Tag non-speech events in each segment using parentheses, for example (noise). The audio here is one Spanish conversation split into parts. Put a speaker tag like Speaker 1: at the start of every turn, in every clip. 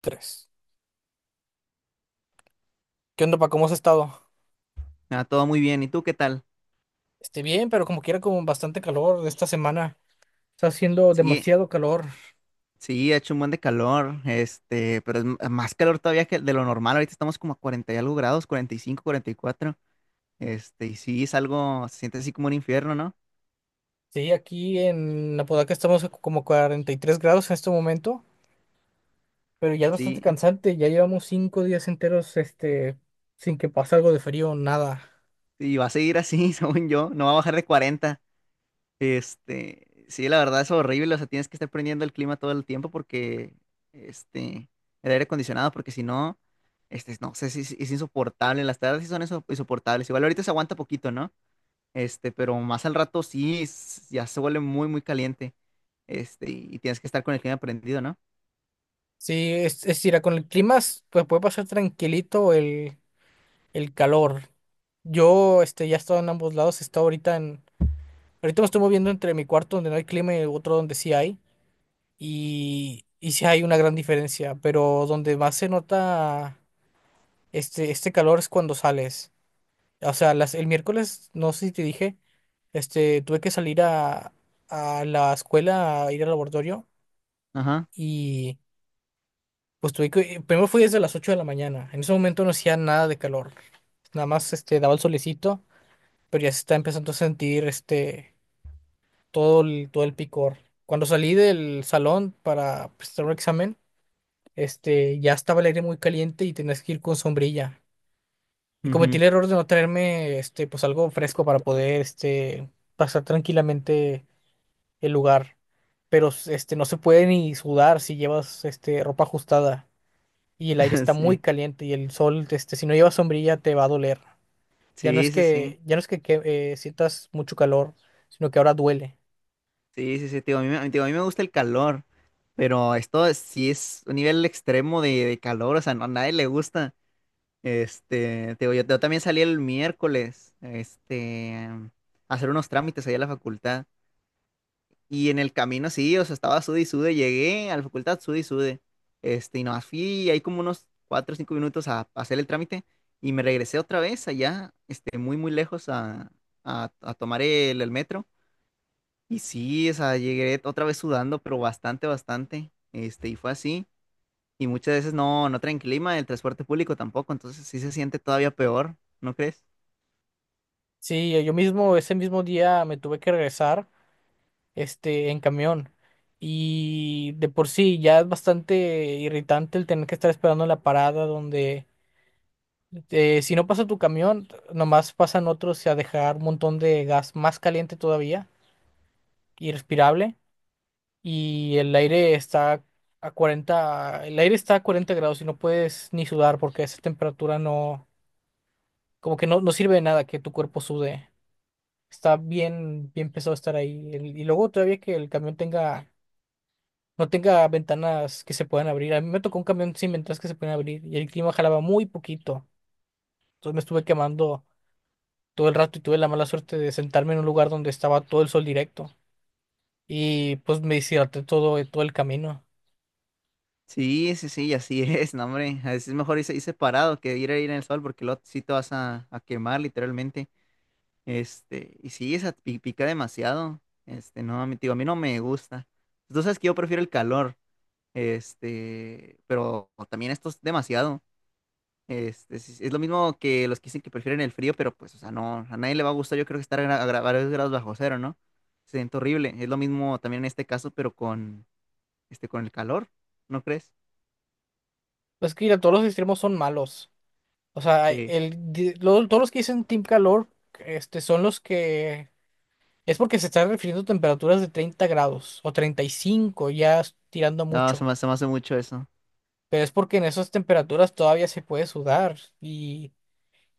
Speaker 1: Tres. ¿Qué onda, pa? ¿Cómo has estado?
Speaker 2: Ah, todo muy bien. ¿Y tú qué tal?
Speaker 1: Esté bien, pero como quiera, con bastante calor de esta semana. Está haciendo
Speaker 2: Sí,
Speaker 1: demasiado calor.
Speaker 2: sí, ha hecho un buen de calor, pero es más calor todavía que de lo normal. Ahorita estamos como a 40 y algo grados, 40, 45, 44. Y sí, es algo, se siente así como un infierno, ¿no?
Speaker 1: Sí, aquí en Apodaca estamos a como 43 grados en este momento, pero ya es bastante
Speaker 2: Sí,
Speaker 1: cansante. Ya llevamos 5 días enteros, sin que pase algo de frío, nada.
Speaker 2: y va a seguir así, (laughs) según yo, no va a bajar de 40. Sí, la verdad es horrible, o sea, tienes que estar prendiendo el clima todo el tiempo porque, este, el aire acondicionado, porque si no, no sé, si es, es insoportable. Las tardes sí son insoportables. Igual ahorita se aguanta poquito, ¿no? Pero más al rato sí, ya se vuelve muy, muy caliente. Y tienes que estar con el clima prendido, ¿no?
Speaker 1: Sí, es ir con el clima, pues puede pasar tranquilito el calor. Yo, ya he estado en ambos lados. He estado ahorita en. Ahorita me estoy moviendo entre mi cuarto donde no hay clima y otro donde sí hay. Y sí hay una gran diferencia, pero donde más se nota este calor es cuando sales. O sea, el miércoles, no sé si te dije, tuve que salir a la escuela, a ir al laboratorio
Speaker 2: Ajá.
Speaker 1: y pues tuve que, primero fui desde las 8 de la mañana. En ese momento no hacía nada de calor, nada más daba el solecito, pero ya se está empezando a sentir todo el picor. Cuando salí del salón para prestar un examen, ya estaba el aire muy caliente y tenías que ir con sombrilla. Y cometí
Speaker 2: Ujú.
Speaker 1: el error de no traerme, pues algo fresco para poder, pasar tranquilamente el lugar. Pero, no se puede ni sudar si llevas, ropa ajustada y el aire
Speaker 2: (laughs)
Speaker 1: está muy
Speaker 2: Sí.
Speaker 1: caliente y el sol, si no llevas sombrilla te va a doler. Ya no
Speaker 2: Sí,
Speaker 1: es
Speaker 2: sí, sí.
Speaker 1: que, ya no es que, sientas mucho calor, sino que ahora duele.
Speaker 2: Sí, sí, sí. Tío, a mí, digo, a mí me gusta el calor, pero esto sí es un nivel extremo de calor, o sea, no, a nadie le gusta. Te digo, yo también salí el miércoles, a hacer unos trámites ahí a la facultad. Y en el camino sí, o sea, estaba sude y sude, llegué a la facultad sude y sude. Y nomás fui ahí como unos cuatro o cinco minutos a hacer el trámite y me regresé otra vez allá, muy, muy lejos a tomar el metro. Y sí, o sea, llegué otra vez sudando, pero bastante, bastante. Y fue así. Y muchas veces no traen clima, el transporte público tampoco, entonces sí se siente todavía peor, ¿no crees?
Speaker 1: Sí, yo mismo ese mismo día me tuve que regresar en camión. Y de por sí ya es bastante irritante el tener que estar esperando en la parada donde si no pasa tu camión, nomás pasan otros a dejar un montón de gas más caliente todavía, irrespirable, y el aire está a 40 el aire está a 40 grados y no puedes ni sudar porque esa temperatura no, como que no sirve de nada que tu cuerpo sude. Está bien, bien pesado estar ahí. Y luego todavía que el camión tenga no tenga ventanas que se puedan abrir. A mí me tocó un camión sin ventanas que se pueden abrir y el clima jalaba muy poquito. Entonces me estuve quemando todo el rato y tuve la mala suerte de sentarme en un lugar donde estaba todo el sol directo y pues me deshidraté todo el camino.
Speaker 2: Sí, sí, sí, así (laughs) es, no, hombre. A veces es mejor irse parado que ir a ir en el sol porque luego sí te vas a quemar literalmente. Y sí, esa pica demasiado. No, a mí, digo, a mí no me gusta. Tú sabes que yo prefiero el calor. Pero también esto es demasiado. Es lo mismo que los que dicen que prefieren el frío, pero pues, o sea, no, a nadie le va a gustar, yo creo que estar a varios grados bajo cero, ¿no? Se siente horrible. Es lo mismo también en este caso, pero con el calor, ¿no crees?
Speaker 1: Es que mira, todos los extremos son malos. O sea,
Speaker 2: Sí.
Speaker 1: todos los que dicen Team Calor son los que... Es porque se están refiriendo a temperaturas de 30 grados o 35, ya es tirando
Speaker 2: No,
Speaker 1: mucho.
Speaker 2: se me hace mucho eso.
Speaker 1: Pero es porque en esas temperaturas todavía se puede sudar y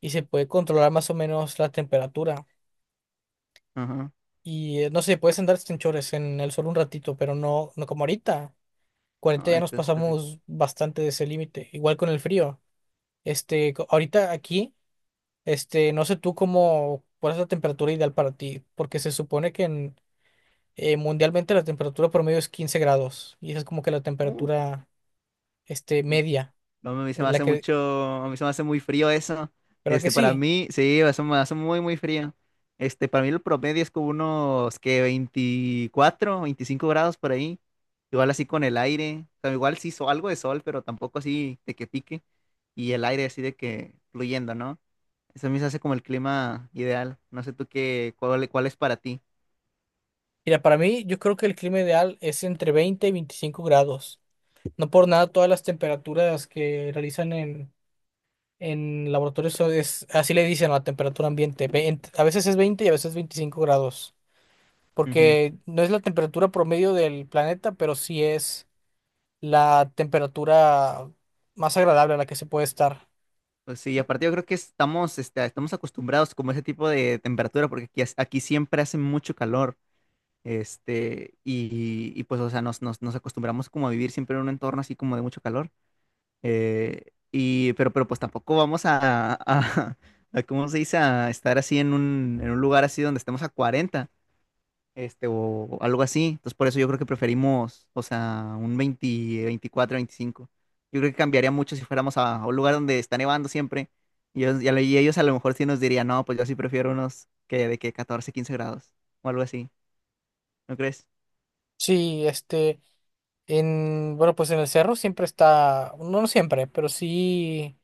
Speaker 1: y se puede controlar más o menos la temperatura.
Speaker 2: Ajá.
Speaker 1: Y no sé, puedes andar en chores en el sol un ratito, pero no, no como ahorita.
Speaker 2: No,
Speaker 1: 40 ya nos
Speaker 2: ahorita es terrible.
Speaker 1: pasamos bastante de ese límite. Igual con el frío. Ahorita aquí, no sé tú cómo, cuál es la temperatura ideal para ti, porque se supone que mundialmente la temperatura promedio es 15 grados y esa es como que la
Speaker 2: Uh,
Speaker 1: temperatura,
Speaker 2: sí.
Speaker 1: media,
Speaker 2: No, a mí se me
Speaker 1: la
Speaker 2: hace
Speaker 1: que,
Speaker 2: mucho, a mí se me hace muy frío eso.
Speaker 1: ¿verdad que
Speaker 2: Para
Speaker 1: sí?
Speaker 2: mí, sí, se me hace muy, muy frío. Para mí el promedio es como unos, que 24, 25 grados por ahí. Igual así con el aire. O sea, igual sí, algo de sol, pero tampoco así de que pique. Y el aire así de que fluyendo, ¿no? Eso a mí se hace como el clima ideal. No sé tú qué, cuál es para ti.
Speaker 1: Mira, para mí yo creo que el clima ideal es entre 20 y 25 grados. No por nada todas las temperaturas que realizan en laboratorios es, así le dicen a la temperatura ambiente. A veces es 20 y a veces 25 grados. Porque no es la temperatura promedio del planeta, pero sí es la temperatura más agradable a la que se puede estar.
Speaker 2: Pues sí, y aparte yo creo que estamos acostumbrados como a ese tipo de temperatura, porque aquí, aquí siempre hace mucho calor, y pues, o sea, nos acostumbramos como a vivir siempre en un entorno así como de mucho calor, pero pues tampoco vamos (laughs) a, ¿cómo se dice? A estar así en un lugar así donde estemos a 40 o algo así. Entonces, por eso yo creo que preferimos, o sea, un 20, 24, 25. Yo creo que cambiaría mucho si fuéramos a un lugar donde está nevando siempre. Y ellos a lo mejor sí nos dirían, no, pues yo sí prefiero unos que de que 14, 15 grados o algo así. ¿No crees?
Speaker 1: Sí, bueno, pues en el cerro siempre está, no no siempre, pero sí,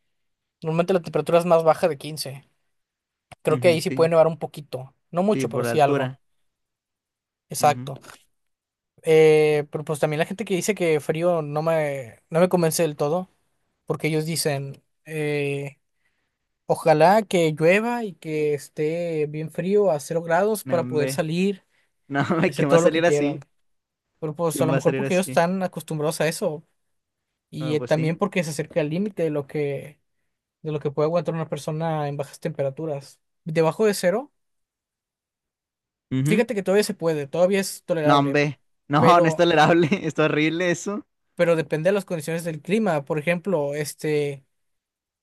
Speaker 1: normalmente la temperatura es más baja de 15. Creo que
Speaker 2: Ujú,
Speaker 1: ahí sí puede
Speaker 2: sí,
Speaker 1: nevar un poquito. No
Speaker 2: sí,
Speaker 1: mucho, pero
Speaker 2: por la
Speaker 1: sí algo.
Speaker 2: altura. Ujú.
Speaker 1: Exacto. Pero pues también la gente que dice que frío no me convence del todo, porque ellos dicen, ojalá que llueva y que esté bien frío a 0 grados
Speaker 2: No,
Speaker 1: para poder
Speaker 2: hombre. (laughs)
Speaker 1: salir,
Speaker 2: No, hombre,
Speaker 1: hacer
Speaker 2: ¿quién va a
Speaker 1: todo lo que
Speaker 2: salir
Speaker 1: quieran.
Speaker 2: así?
Speaker 1: Pero pues a
Speaker 2: ¿Quién
Speaker 1: lo
Speaker 2: va a
Speaker 1: mejor
Speaker 2: salir
Speaker 1: porque ellos
Speaker 2: así?
Speaker 1: están acostumbrados a eso y
Speaker 2: Ah, pues
Speaker 1: también
Speaker 2: sí.
Speaker 1: porque se acerca al límite de lo que, puede aguantar una persona en bajas temperaturas. Debajo de cero,
Speaker 2: Ujú.
Speaker 1: fíjate que todavía se puede, todavía es
Speaker 2: No,
Speaker 1: tolerable,
Speaker 2: hombre. No, no es
Speaker 1: pero,
Speaker 2: tolerable. (laughs) Es horrible eso.
Speaker 1: pero depende de las condiciones del clima. Por ejemplo,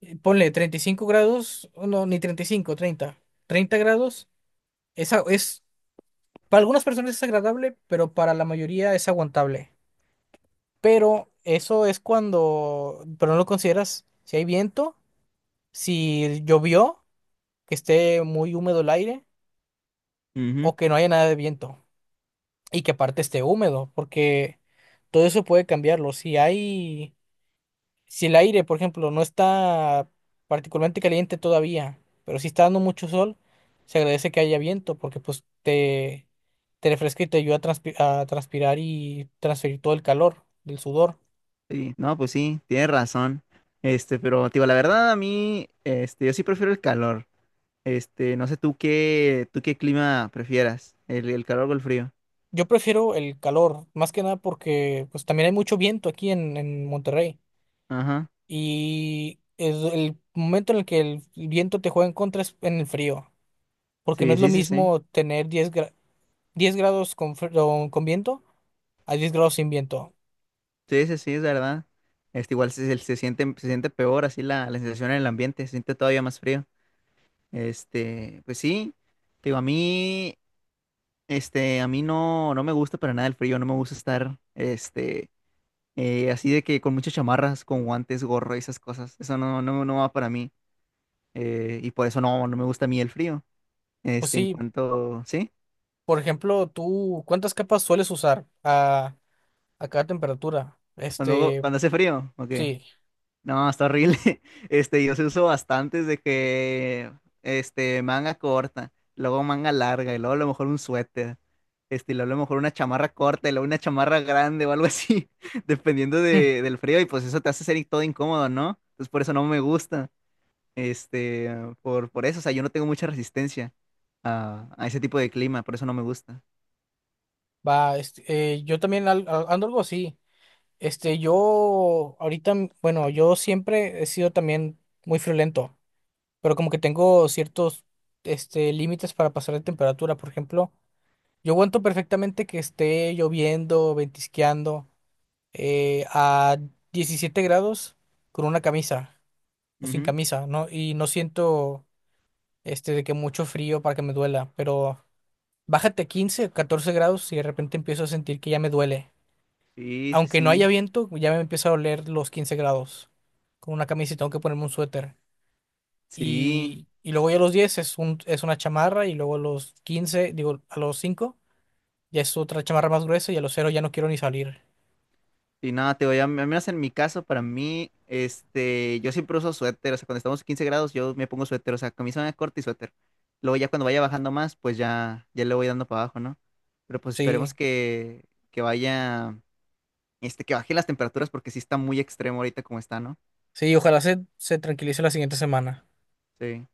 Speaker 1: ponle 35 grados, o no, ni 35, 30, 30 grados, esa es, para algunas personas es agradable, pero para la mayoría es aguantable. Pero eso es cuando, pero no lo consideras si hay viento, si llovió, que esté muy húmedo el aire,
Speaker 2: Ujú.
Speaker 1: o que no haya nada de viento, y que aparte esté húmedo, porque todo eso puede cambiarlo. Si el aire, por ejemplo, no está particularmente caliente todavía, pero si está dando mucho sol, se agradece que haya viento porque pues te refresca y te ayuda a transpirar y transferir todo el calor del sudor.
Speaker 2: Sí, no, pues sí, tienes razón. Pero te digo, la verdad a mí, yo sí prefiero el calor. No sé tú qué clima prefieras, el calor o el frío.
Speaker 1: Yo prefiero el calor, más que nada porque pues también hay mucho viento aquí en Monterrey
Speaker 2: Ajá.
Speaker 1: y es el momento en el que el viento te juega en contra es en el frío, porque no
Speaker 2: Sí,
Speaker 1: es lo
Speaker 2: sí, sí, sí.
Speaker 1: mismo tener 10 grados con, fr- con viento a 10 grados sin viento.
Speaker 2: Sí, sí, sí, es verdad. Igual se siente peor así la sensación en el ambiente, se siente todavía más frío. Pues sí, te digo, a mí no me gusta para nada el frío, no me gusta estar, así de que con muchas chamarras, con guantes, gorro y esas cosas. Eso no va para mí. Y por eso no me gusta a mí el frío.
Speaker 1: Pues
Speaker 2: En
Speaker 1: sí.
Speaker 2: cuanto, ¿sí?
Speaker 1: Por ejemplo, tú, ¿cuántas capas sueles usar a cada temperatura?
Speaker 2: Cuando,
Speaker 1: Este,
Speaker 2: cuando hace frío, ok.
Speaker 1: sí,
Speaker 2: No, está horrible. (laughs) Yo se uso bastantes de que, manga corta, luego manga larga, y luego a lo mejor un suéter. Y luego a lo mejor una chamarra corta, y luego una chamarra grande o algo así, (laughs) dependiendo
Speaker 1: hmm,
Speaker 2: del frío. Y pues eso te hace ser todo incómodo, ¿no? Entonces por eso no me gusta. Este, por eso, o sea, yo no tengo mucha resistencia a ese tipo de clima, por eso no me gusta.
Speaker 1: va, yo también ando algo así. Yo ahorita, bueno, yo siempre he sido también muy friolento, pero como que tengo ciertos, límites para pasar de temperatura. Por ejemplo, yo aguanto perfectamente que esté lloviendo, ventisqueando, a 17 grados con una camisa o sin
Speaker 2: Ujú.
Speaker 1: camisa, ¿no? Y no siento de que mucho frío para que me duela, pero bájate a 15, 14 grados y de repente empiezo a sentir que ya me duele.
Speaker 2: Sí, sí,
Speaker 1: Aunque no haya
Speaker 2: sí.
Speaker 1: viento, ya me empieza a doler los 15 grados con una camisa y tengo que ponerme un suéter.
Speaker 2: Sí.
Speaker 1: Y luego ya a los 10 es una chamarra y luego a los 15, digo, a los 5 ya es otra chamarra más gruesa y a los 0 ya no quiero ni salir.
Speaker 2: Y nada, al menos en mi caso, para mí, yo siempre uso suéter, o sea, cuando estamos a 15 grados, yo me pongo suéter, o sea, camisa corta y suéter. Luego ya cuando vaya bajando más, pues ya le voy dando para abajo, ¿no? Pero pues esperemos
Speaker 1: Sí,
Speaker 2: que vaya, que baje las temperaturas porque sí está muy extremo ahorita como está, ¿no?
Speaker 1: sí, ojalá se tranquilice la siguiente semana.
Speaker 2: Sí.